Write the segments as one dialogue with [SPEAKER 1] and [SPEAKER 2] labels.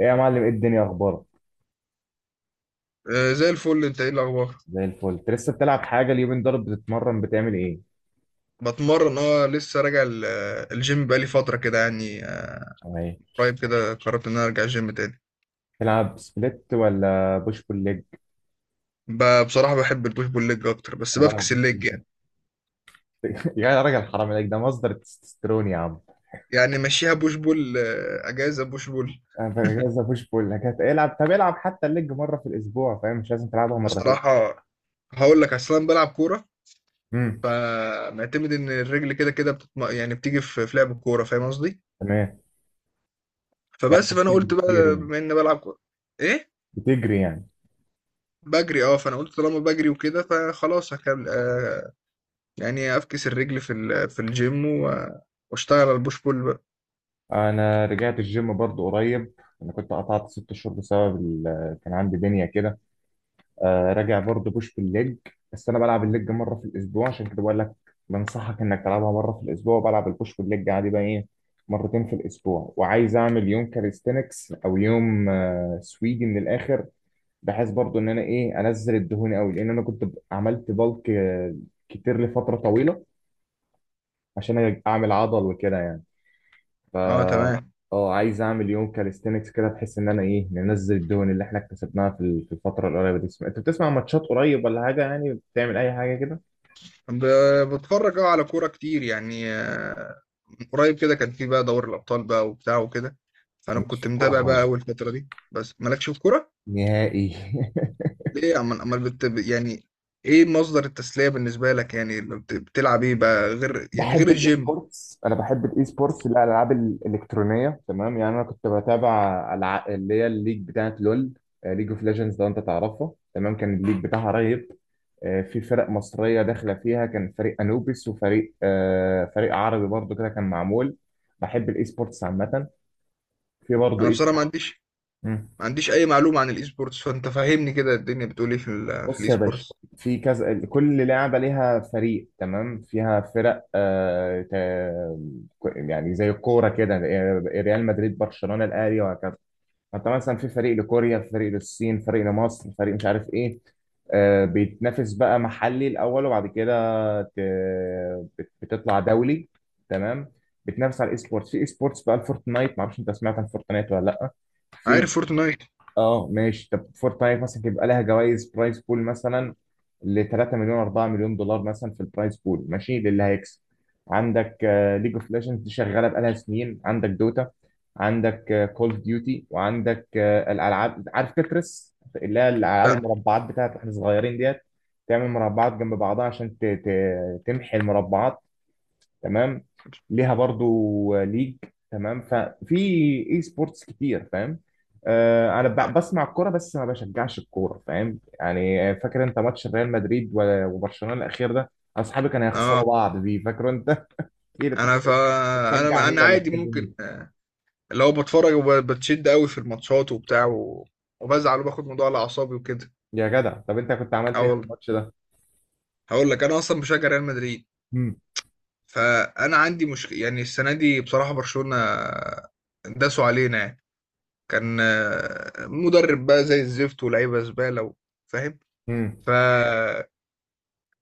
[SPEAKER 1] ايه يا معلم، ايه الدنيا، اخبارك؟
[SPEAKER 2] زي الفل، انت ايه الاخبار؟
[SPEAKER 1] زي الفل. انت لسه بتلعب حاجه اليومين دول؟ بتتمرن، بتعمل ايه؟
[SPEAKER 2] بتمرن، لسه راجع الجيم بقالي فتره كده يعني،
[SPEAKER 1] ايه،
[SPEAKER 2] قريب كده قررت ان انا ارجع الجيم تاني.
[SPEAKER 1] تلعب سبليت ولا بوش بول ليج؟
[SPEAKER 2] بصراحه بحب البوش بول ليج اكتر، بس
[SPEAKER 1] انا بلعب
[SPEAKER 2] بفكس
[SPEAKER 1] بوش
[SPEAKER 2] الليج يعني.
[SPEAKER 1] بول ليج. يا راجل، حرام عليك، ده مصدر التستوستيرون يا عم.
[SPEAKER 2] يعني ماشيها بوش بول، اجازه بوش بول.
[SPEAKER 1] انا بجهز بوش بول ليج، العب. طب العب حتى الليج مره في الاسبوع، فاهم؟ مش لازم تلعبها مرتين.
[SPEAKER 2] بصراحه، هقول لك اصلا بلعب كوره.
[SPEAKER 1] امم،
[SPEAKER 2] فمعتمد ان الرجل كده كده يعني بتيجي في لعب الكوره، فاهم قصدي.
[SPEAKER 1] تمام. يعني انت
[SPEAKER 2] فبس، فانا
[SPEAKER 1] بتجري
[SPEAKER 2] قلت
[SPEAKER 1] كتير
[SPEAKER 2] بقى
[SPEAKER 1] يعني؟
[SPEAKER 2] بما اني بلعب كوره. ايه.
[SPEAKER 1] بتجري يعني؟
[SPEAKER 2] بجري، فانا قلت طالما بجري وكده فخلاص هكمل، يعني افكس الرجل في الجيم واشتغل على البوش بول بقى.
[SPEAKER 1] انا رجعت الجيم برضو قريب. انا كنت قطعت ست شهور بسبب كان عندي دنيا كده. آه، راجع برضه بوش بالليج. بس انا بلعب الليج مره في الاسبوع، عشان كده بقول لك. بنصحك انك تلعبها مره في الاسبوع، وبلعب البوش بالليج عادي بقى، ايه، مرتين في الاسبوع، وعايز اعمل يوم كاليستنكس او يوم سويدي من الاخر. بحيث برضه ان انا ايه انزل الدهون قوي، لان انا كنت عملت بالك كتير لفتره طويله، عشان اعمل عضل وكده يعني. ف
[SPEAKER 2] اه، تمام.
[SPEAKER 1] اه، عايز اعمل يوم كاليستينكس كده، بحيث ان انا ايه ننزل الدهون اللي احنا اكتسبناها في الفتره القريبه دي. انت بتسمع ماتشات قريب ولا حاجه يعني؟ بتعمل اي حاجه كده؟
[SPEAKER 2] بتفرج على كوره كتير يعني، من قريب كده كان في بقى دوري الابطال بقى وبتاع وكده. فانا
[SPEAKER 1] مش في
[SPEAKER 2] كنت
[SPEAKER 1] الكوره
[SPEAKER 2] متابع بقى اول
[SPEAKER 1] خالص
[SPEAKER 2] فتره دي، بس مالكش في كوره.
[SPEAKER 1] نهائي.
[SPEAKER 2] ليه عمال عمال يعني، ايه مصدر التسليه بالنسبه لك؟ يعني لما بتلعب ايه بقى غير يعني غير
[SPEAKER 1] بحب الاي
[SPEAKER 2] الجيم؟
[SPEAKER 1] سبورتس. انا بحب الاي سبورتس، الالعاب الالكترونيه تمام يعني. انا كنت بتابع اللي هي الليج بتاعت لول. ليج اوف ليجندز، لو انت تعرفها. تمام كان الليج بتاعها رهيب. في فرق مصريه داخله فيها، كان فريق انوبيس وفريق فريق عربي برضو كده كان معمول. بحب الاي سبورتس عامه، في برضو
[SPEAKER 2] انا
[SPEAKER 1] اي
[SPEAKER 2] بصراحه
[SPEAKER 1] سبورتس.
[SPEAKER 2] ما عنديش اي معلومه عن الاي سبورتس. فانت فهمني كده، الدنيا بتقول ايه في
[SPEAKER 1] بص
[SPEAKER 2] الاي
[SPEAKER 1] يا باشا،
[SPEAKER 2] سبورتس؟
[SPEAKER 1] في كذا. كل لعبة ليها فريق، تمام، فيها فرق يعني زي الكورة كده، يعني ريال مدريد، برشلونة، الأهلي، وهكذا. فأنت مثلا في فريق لكوريا، فريق للصين، فريق لمصر، فريق مش عارف إيه. آه، بيتنافس بقى محلي الأول، وبعد كده ت- بتطلع دولي. تمام، بتنافس على الاي سبورتس. في اي سبورتس بقى الفورتنايت، معرفش انت سمعت عن فورتنايت ولا لا. في
[SPEAKER 2] عارف فورتنايت.
[SPEAKER 1] اه ماشي. طب فور تايم مثلا يبقى لها جوائز، برايز بول مثلا ل 3 مليون 4 مليون دولار مثلا في البرايز بول، ماشي للي هيكسب. عندك ليج اوف ليجندز دي شغاله بقالها سنين، عندك دوتا. عندك كول اوف ديوتي، وعندك الالعاب، عارف تترس اللي هي الالعاب
[SPEAKER 2] لا.
[SPEAKER 1] المربعات بتاعت واحنا صغيرين، ديت. تعمل مربعات جنب بعضها عشان تمحي المربعات. تمام، ليها برضو ليج. تمام ففي اي سبورتس كتير، فاهم؟ آه، انا بسمع الكوره بس ما بشجعش الكوره، فاهم يعني. فاكر انت ماتش ريال مدريد و- وبرشلونه الاخير ده؟ اصحابي كانوا
[SPEAKER 2] اه
[SPEAKER 1] يخسروا بعض بيه، فاكر انت؟ اكيد انت
[SPEAKER 2] انا
[SPEAKER 1] كنت بتشجع
[SPEAKER 2] انا
[SPEAKER 1] مين
[SPEAKER 2] انا
[SPEAKER 1] ولا
[SPEAKER 2] عادي،
[SPEAKER 1] بتحب مين؟
[SPEAKER 2] ممكن، لو بتفرج وبتشد قوي في الماتشات وبتاع وبزعل وباخد موضوع على اعصابي وكده.
[SPEAKER 1] يا جدع، طب انت كنت عملت
[SPEAKER 2] اه
[SPEAKER 1] ايه في
[SPEAKER 2] والله،
[SPEAKER 1] الماتش ده؟
[SPEAKER 2] هقول لك، انا اصلا بشجع ريال مدريد.
[SPEAKER 1] امم.
[SPEAKER 2] فانا عندي مشكله، يعني السنه دي بصراحه برشلونه داسوا علينا يعني. كان مدرب بقى زي الزفت، ولاعيبه زباله فاهم.
[SPEAKER 1] امم.
[SPEAKER 2] فانا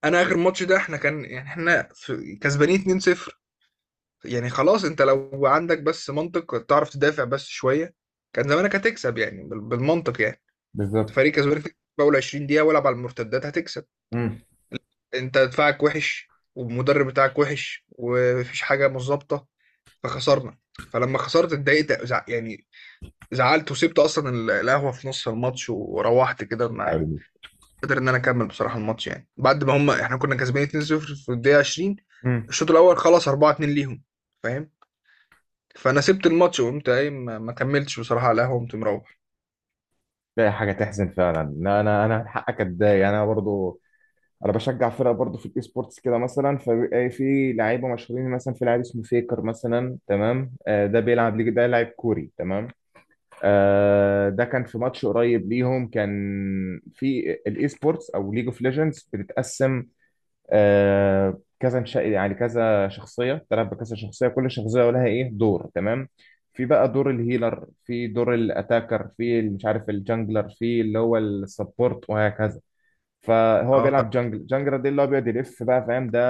[SPEAKER 2] اخر ماتش ده، احنا كان يعني احنا في- كسبانين 2-0. يعني خلاص، انت لو عندك بس منطق تعرف تدافع بس شويه، كان زمانك هتكسب يعني بالمنطق يعني.
[SPEAKER 1] بالظبط.
[SPEAKER 2] فريق كسبان في اول 20 دقيقه، والعب على المرتدات هتكسب.
[SPEAKER 1] امم.
[SPEAKER 2] انت دفاعك وحش، والمدرب بتاعك وحش، ومفيش حاجه مظبطه. فخسرنا. فلما خسرت اتضايقت، زعلت وسبت اصلا القهوه في نص الماتش وروحت كده، ما
[SPEAKER 1] عيني.
[SPEAKER 2] قدر ان انا اكمل بصراحه الماتش، يعني بعد ما احنا كنا كسبانين 2-0 في الدقيقه 20.
[SPEAKER 1] امم.
[SPEAKER 2] الشوط الاول خلص 4-2 ليهم، فاهم. فانا سبت الماتش وقمت قايم، ما كملتش بصراحه على القهوه، قمت مروح.
[SPEAKER 1] ده حاجه تحزن فعلا، لا، انا حقك اتضايق، انا برضو. انا بشجع فرقه برضو في الاي سبورتس كده. مثلا فبيبقى في لعيبه مشهورين، مثلا في لاعب اسمه فيكر مثلا، تمام؟ آه ده بيلعب ليج، ده لاعب كوري، تمام. آه، ده كان في ماتش قريب ليهم، كان في الاي سبورتس او ليج اوف ليجندز بتتقسم. آه كذا نشأ، يعني كذا شخصيه بتلعب بكذا شخصيه، كل شخصيه لها ايه دور، تمام. في بقى دور الهيلر، في دور الاتاكر، في اللي مش عارف الجانجلر، في اللي هو السبورت وهكذا. فهو
[SPEAKER 2] اه.
[SPEAKER 1] بيلعب جانجل، جانجل ده اللي هو بيقعد يلف بقى، فاهم؟ ده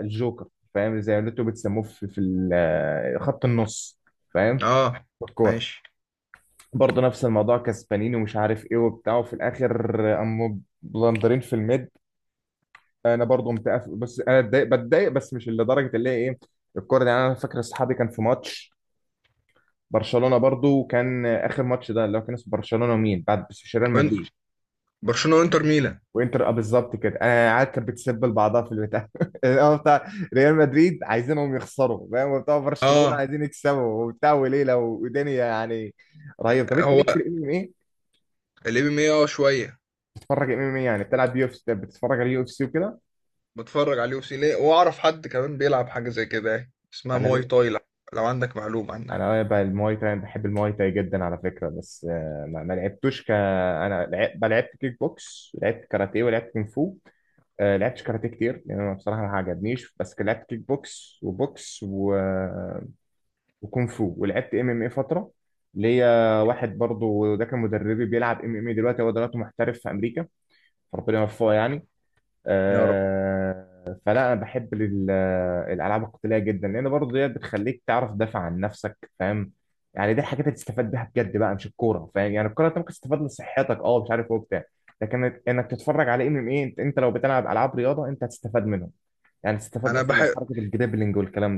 [SPEAKER 1] الجوكر. فاهم، زي اللي انتوا بتسموه في خط النص، فاهم؟
[SPEAKER 2] اه
[SPEAKER 1] بالكوره.
[SPEAKER 2] ماشي.
[SPEAKER 1] برضه نفس الموضوع، كسبانين ومش عارف ايه وبتاع، وفي الاخر قاموا بلندرين في الميد. انا برضه متقف بس انا اتضايق، بتضايق، بس مش لدرجه اللي هي ايه، الكوره دي يعني. انا فاكر اصحابي كان في ماتش. برشلونه برضه، وكان اخر ماتش ده اللي هو كان اسمه برشلونه ومين بعد، بس مش ريال
[SPEAKER 2] وانت،
[SPEAKER 1] مدريد.
[SPEAKER 2] برشلونه وانتر ميلان.
[SPEAKER 1] وانتر، اه، بالظبط كده. انا قاعد كانت بتسب بعضها في البتاع. الأول بتاع ريال مدريد عايزينهم يخسروا، فاهم، وبتاع برشلونه
[SPEAKER 2] اه،
[SPEAKER 1] عايزين يكسبوا وبتاع، وليله ودنيا يعني. رهيب. طب انت
[SPEAKER 2] هو
[SPEAKER 1] ليك في الام ام ايه؟
[SPEAKER 2] الام ام اي، اه شويه.
[SPEAKER 1] بتتفرج ام ام ايه يعني؟ بتلعب يو اف سي، بتتفرج على يو اف سي وكده.
[SPEAKER 2] بتفرج على اليو سي ليه، واعرف حد كمان بيلعب حاجه زي كده يعني اسمها
[SPEAKER 1] انا
[SPEAKER 2] مواي
[SPEAKER 1] ليه؟
[SPEAKER 2] تاي، لو عندك معلومه عنها.
[SPEAKER 1] انا بقى المواي تاي، أنا بحب المواي تاي جدا على فكره، بس ما لعبتوش. انا لعبت كيك بوكس، لعبت كاراتيه، ولعبت كونغ فو. لعبتش كاراتيه كتير لان انا بصراحه ما عجبنيش، بس كان لعبت كيك بوكس وبوكس و... وكونغ فو، ولعبت ام ام اي فتره. ليا واحد برضو ده كان مدربي، بيلعب ام ام اي دلوقتي، هو دلوقتي محترف في امريكا، ربنا يوفقه يعني.
[SPEAKER 2] يا رب.
[SPEAKER 1] آه، فلا انا بحب الالعاب القتاليه جدا، لان برضو دي بتخليك تعرف تدافع عن نفسك، فاهم. يعني دي الحاجات اللي تستفاد بيها بجد بقى، مش الكوره، فاهم يعني. الكوره انت ممكن تستفاد لصحتك، اه مش عارف ايه وبتاع. لكن انك تتفرج على ام ام اي، انت لو بتلعب العاب رياضه انت هتستفاد منهم. يعني تستفاد
[SPEAKER 2] انا
[SPEAKER 1] مثلا من
[SPEAKER 2] بحب
[SPEAKER 1] حركه الجريبلينج والكلام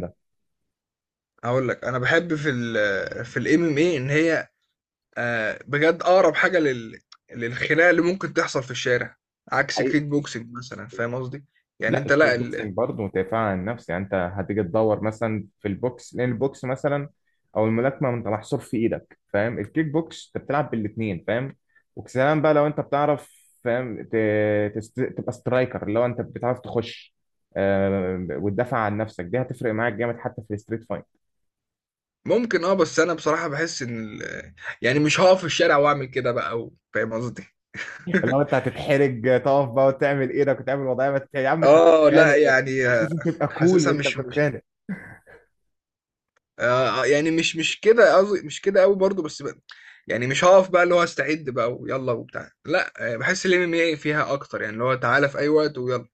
[SPEAKER 2] اقول لك، انا بحب في الام ام اي ان هي، بجد اقرب حاجه للخناقه اللي ممكن تحصل في الشارع، عكس
[SPEAKER 1] ده.
[SPEAKER 2] كيك بوكسنج مثلا، فاهم قصدي. يعني
[SPEAKER 1] لا،
[SPEAKER 2] انت
[SPEAKER 1] الكيك
[SPEAKER 2] لا،
[SPEAKER 1] بوكسنج برضه دفاع عن النفس يعني. انت هتيجي تدور مثلا في البوكس، لان البوكس مثلا، او الملاكمه انت محصور في ايدك، فاهم؟ الكيك بوكس انت بتلعب بالاثنين، فاهم. وكسلام بقى، لو انت بتعرف فاهم تبقى سترايكر اللي هو انت بتعرف تخش. وتدافع عن نفسك، دي هتفرق معاك جامد حتى في الستريت فايت.
[SPEAKER 2] ممكن، بس انا بصراحة بحس ان ال- يعني مش هقف في الشارع واعمل كده بقى فاهم قصدي.
[SPEAKER 1] اللي هو انت هتتحرج تقف بقى وتعمل ايدك وتعمل وضعيه، ما يا عم انت
[SPEAKER 2] اه
[SPEAKER 1] بتتخانق.
[SPEAKER 2] لا يعني،
[SPEAKER 1] مش لازم تبقى كول
[SPEAKER 2] حاسسها
[SPEAKER 1] وانت
[SPEAKER 2] مش
[SPEAKER 1] بتتخانق.
[SPEAKER 2] يعني مش كده قصدي، مش كده قوي برضو بس بقى. يعني مش هقف بقى اللي هو استعد بقى ويلا وبتاع، لا بحس الام ام اي فيها اكتر، يعني اللي هو تعالى في اي وقت ويلا.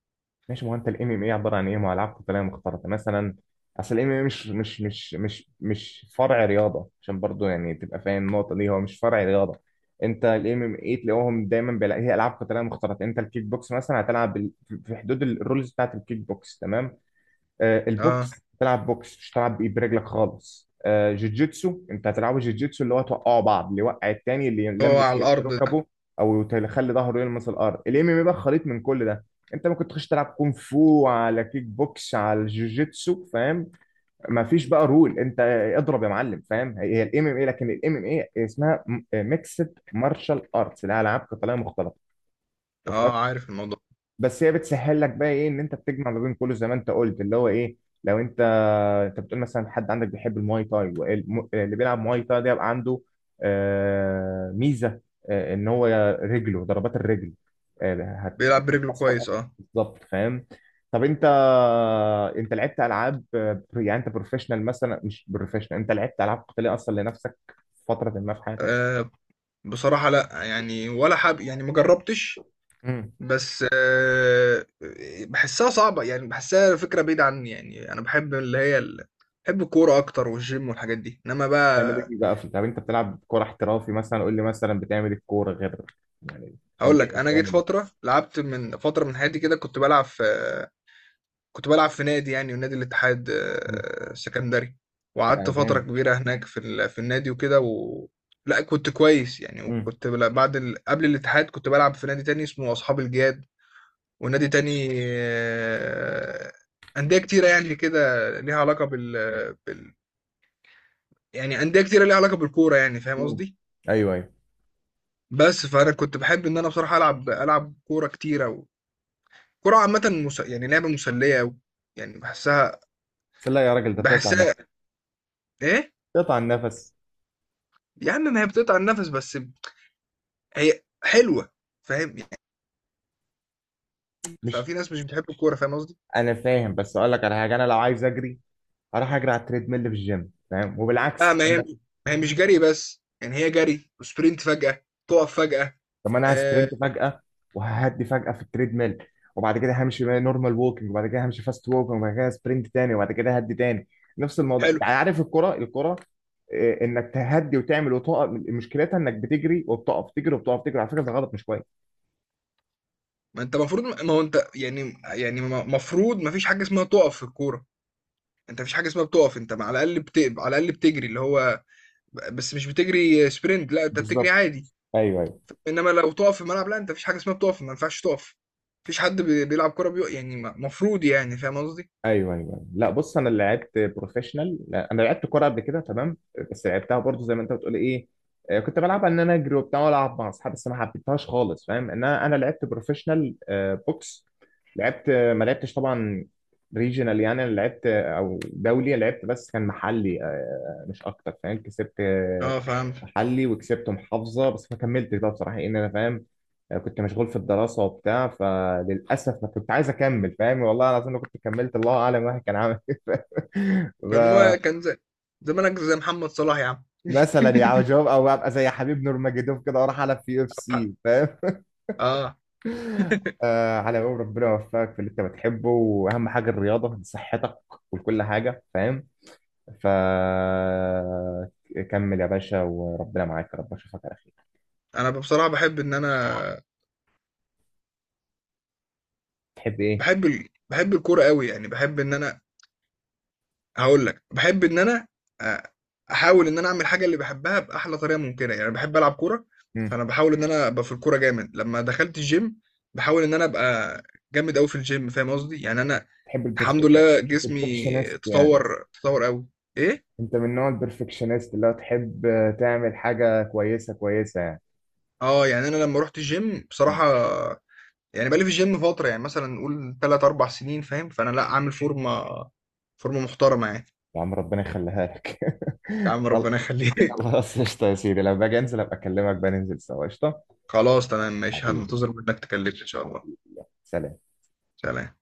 [SPEAKER 1] ماشي، ما هو انت الام ام اي عباره عن ايه؟ ما هو العاب قتاليه مختلطه مثلا. اصل الام ام اي مش فرع رياضه، عشان برضو يعني تبقى فاهم النقطه دي، هو مش فرع رياضه. انت الام ام اي تلاقوهم دايما بيلاقي هي العاب قتاليه مختلطه. انت الكيك بوكس مثلا هتلعب في حدود الرولز بتاعت الكيك بوكس، تمام.
[SPEAKER 2] اه.
[SPEAKER 1] البوكس تلعب بوكس، مش تلعب بايد برجلك خالص. جوجيتسو انت هتلعبه جوجيتسو، اللي هو توقعوا بعض، اللي يوقع التاني، اللي
[SPEAKER 2] هو
[SPEAKER 1] يلمس
[SPEAKER 2] على الارض ده.
[SPEAKER 1] ركبه، او يخلي ظهره يلمس الارض. الام ام بقى خليط من كل ده. انت ممكن تخش تلعب كونغ فو، على كيك بوكس، على الجوجيتسو، فاهم. مفيش بقى رول، انت اضرب يا معلم، فاهم؟ هي الام ام اي، لكن الام ام اي اسمها ميكسد مارشال ارتس، اللي هي العاب قتاليه مختلطه.
[SPEAKER 2] اه،
[SPEAKER 1] وصلت؟
[SPEAKER 2] عارف الموضوع.
[SPEAKER 1] بس هي بتسهل لك بقى ايه، ان انت بتجمع ما بين كله زي ما انت قلت، اللي هو ايه. لو انت بتقول مثلا، حد عندك بيحب المواي تاي اللي بيلعب مواي تاي ده يبقى عنده ميزه، ان هو رجله ضربات الرجل، آه، هت-
[SPEAKER 2] بيلعب برجله
[SPEAKER 1] هتاثر
[SPEAKER 2] كويس
[SPEAKER 1] أكتر.
[SPEAKER 2] اه.
[SPEAKER 1] بالظبط، فاهم. طب انت، انت لعبت العاب يعني انت بروفيشنال مثلا، مش بروفيشنال، انت لعبت العاب قتاليه اصلا لنفسك في فتره ما في حياتك؟
[SPEAKER 2] آه، بصراحة لا يعني، ولا حاب يعني، مجربتش.
[SPEAKER 1] مم.
[SPEAKER 2] بس بحسها صعبة يعني، بحسها فكرة بعيدة عني. يعني أنا بحب اللي هي بحب الكورة أكتر والجيم والحاجات دي، إنما
[SPEAKER 1] بتعمل
[SPEAKER 2] بقى.
[SPEAKER 1] ايه بقى؟ طب انت بتلعب كوره احترافي مثلا، قول لي مثلا بتعمل إيه الكوره غير يعني،
[SPEAKER 2] هقول لك،
[SPEAKER 1] طبيعي
[SPEAKER 2] أنا
[SPEAKER 1] بتعمل
[SPEAKER 2] جيت
[SPEAKER 1] إيه؟
[SPEAKER 2] فترة لعبت من فترة من حياتي كده، كنت بلعب في نادي، يعني نادي الاتحاد
[SPEAKER 1] مم.
[SPEAKER 2] السكندري. وقعدت
[SPEAKER 1] آه،
[SPEAKER 2] فترة
[SPEAKER 1] جامد.
[SPEAKER 2] كبيرة هناك في النادي وكده لا، كنت كويس يعني.
[SPEAKER 1] مم.
[SPEAKER 2] وكنت بل- بعد ال... قبل الاتحاد كنت بلعب في نادي تاني اسمه أصحاب الجياد. ونادي تاني، آه، أندية كتيرة يعني كده، ليها علاقة بال... يعني أندية كتيرة ليها علاقة بالكورة يعني، فاهم
[SPEAKER 1] مم.
[SPEAKER 2] قصدي؟
[SPEAKER 1] ايوه، ايوه.
[SPEAKER 2] بس فأنا كنت بحب إن أنا بصراحة ألعب كورة كتيرة كورة عامة، يعني لعبة مسلية أوي. يعني
[SPEAKER 1] لا يا راجل، ده بتقطع
[SPEAKER 2] بحسها
[SPEAKER 1] النفس.
[SPEAKER 2] إيه؟
[SPEAKER 1] بتقطع النفس.
[SPEAKER 2] يا عم ما هي بتقطع النفس، بس هي حلوة، فاهم يعني.
[SPEAKER 1] مش
[SPEAKER 2] ففي ناس مش بتحب الكورة، فاهم قصدي؟
[SPEAKER 1] انا فاهم، بس اقول لك على حاجه، انا لو عايز اجري اروح اجري على التريد ميل في الجيم، فاهم،
[SPEAKER 2] لا
[SPEAKER 1] وبالعكس
[SPEAKER 2] ما هي مش جري بس، يعني هي جري وسبرنت، فجأة تقف فجأة.
[SPEAKER 1] طب ما انا
[SPEAKER 2] آه،
[SPEAKER 1] هسبرنت فجاه وههدي فجاه في التريد ميل، وبعد كده همشي نورمال ووكينج، وبعد كده همشي فاست ووكينج، وبعد كده سبرنت تاني، وبعد كده هدي تاني. نفس الموضوع،
[SPEAKER 2] حلو.
[SPEAKER 1] انت عارف الكره إيه، انك تهدي وتعمل وتقف، مشكلتها انك بتجري وبتقف، تجري وبتقف، تجري على فكره، ده غلط مش كويس.
[SPEAKER 2] ما هو انت يعني، يعني المفروض ما فيش حاجه اسمها تقف في الكوره. انت ما فيش حاجه اسمها بتقف، انت على الاقل بتجري اللي هو، بس مش بتجري سبرنت، لا انت بتجري
[SPEAKER 1] بالظبط،
[SPEAKER 2] عادي.
[SPEAKER 1] ايوه، ايوه،
[SPEAKER 2] انما لو تقف في الملعب، لا انت ما فيش حاجه اسمها بتقف، ما ينفعش تقف. مفيش حد بيلعب كوره يعني المفروض يعني، فاهم قصدي.
[SPEAKER 1] ايوه، ايوه، أيوة. لا بص، انا اللي لعبت بروفيشنال، لا، انا لعبت كوره قبل كده، تمام. بس لعبتها برضو زي ما انت بتقول، ايه، كنت بلعبها ان انا اجري وبتاع والعب مع اصحابي، بس ما حبيتهاش خالص، فاهم. ان انا لعبت بروفيشنال بوكس. لعبت ما لعبتش طبعا ريجيونال يعني، انا لعبت او دولي، لعبت بس كان محلي مش اكتر، فاهم. كسبت
[SPEAKER 2] اه فهمت.
[SPEAKER 1] محلي وكسبت محافظة، بس ما كملتش بقى بصراحة إن أنا فاهم، كنت مشغول في الدراسة وبتاع، فللأسف ما كنت عايز أكمل، فاهم. والله العظيم لو كنت كملت الله أعلم واحد كان عامل إيه.
[SPEAKER 2] كان هو
[SPEAKER 1] ف-
[SPEAKER 2] كان زي... زمانك زي محمد صلاح يا عم.
[SPEAKER 1] مثلا يعني جواب، أو أبقى زي حبيب نورماجيدوف كده وأروح ألعب في يو اف
[SPEAKER 2] حق.
[SPEAKER 1] سي، فاهم.
[SPEAKER 2] اه.
[SPEAKER 1] آه على قول ربنا، يوفقك في اللي أنت بتحبه، وأهم حاجة الرياضة صحتك وكل حاجة، فاهم. فكمل يا باشا، وربنا معاك، يا رب أشوفك على خير.
[SPEAKER 2] انا بصراحه بحب ان انا،
[SPEAKER 1] تحب إيه؟
[SPEAKER 2] بحب الكوره قوي يعني، بحب ان انا هاقول لك، باحب إن أنا أ أحاول إن أنا أعمل الحاجة اللي باحبها بأحلى طريقة ممكنة، يعني باحب ألعب كورة. فأنا باحاول إن أنا أبقى في الكورة جامد. لمّا دخلت الgym باحاول إن أنا أبقى جامد أوي في الgym، فاهم قصدي؟ يعني أنا
[SPEAKER 1] تحب
[SPEAKER 2] الحمد
[SPEAKER 1] البرفكت يعني
[SPEAKER 2] لله، جسمي
[SPEAKER 1] البرفكشنست يعني؟
[SPEAKER 2] تطوّر تطوّر أوي. إيه؟
[SPEAKER 1] انت من نوع البرفكشنست، اللي هو تحب تعمل حاجة كويسة كويسة يعني
[SPEAKER 2] يعني أنا لمّا رُحت الgym
[SPEAKER 1] يعني
[SPEAKER 2] بصراحة، يعني بقى لي في الgym فترة، يعني مثلًا نقول 3، 4 سنين فاهم، فأنا لأ عامل فورمة، فورمة محترمة يعني.
[SPEAKER 1] يا عم ربنا يخليها لك.
[SPEAKER 2] يا عم
[SPEAKER 1] خل-
[SPEAKER 2] ربنا يخليك.
[SPEAKER 1] خلاص قشطة يا سيدي، لما باجي انزل ابقى اكلمك، بقى ننزل سوا، قشطة.
[SPEAKER 2] خلاص تمام ماشي،
[SPEAKER 1] حبيبي،
[SPEAKER 2] هانتظر منّك تكلمني إن شاء الله.
[SPEAKER 1] حبيبي يلا. سلام.
[SPEAKER 2] سلام.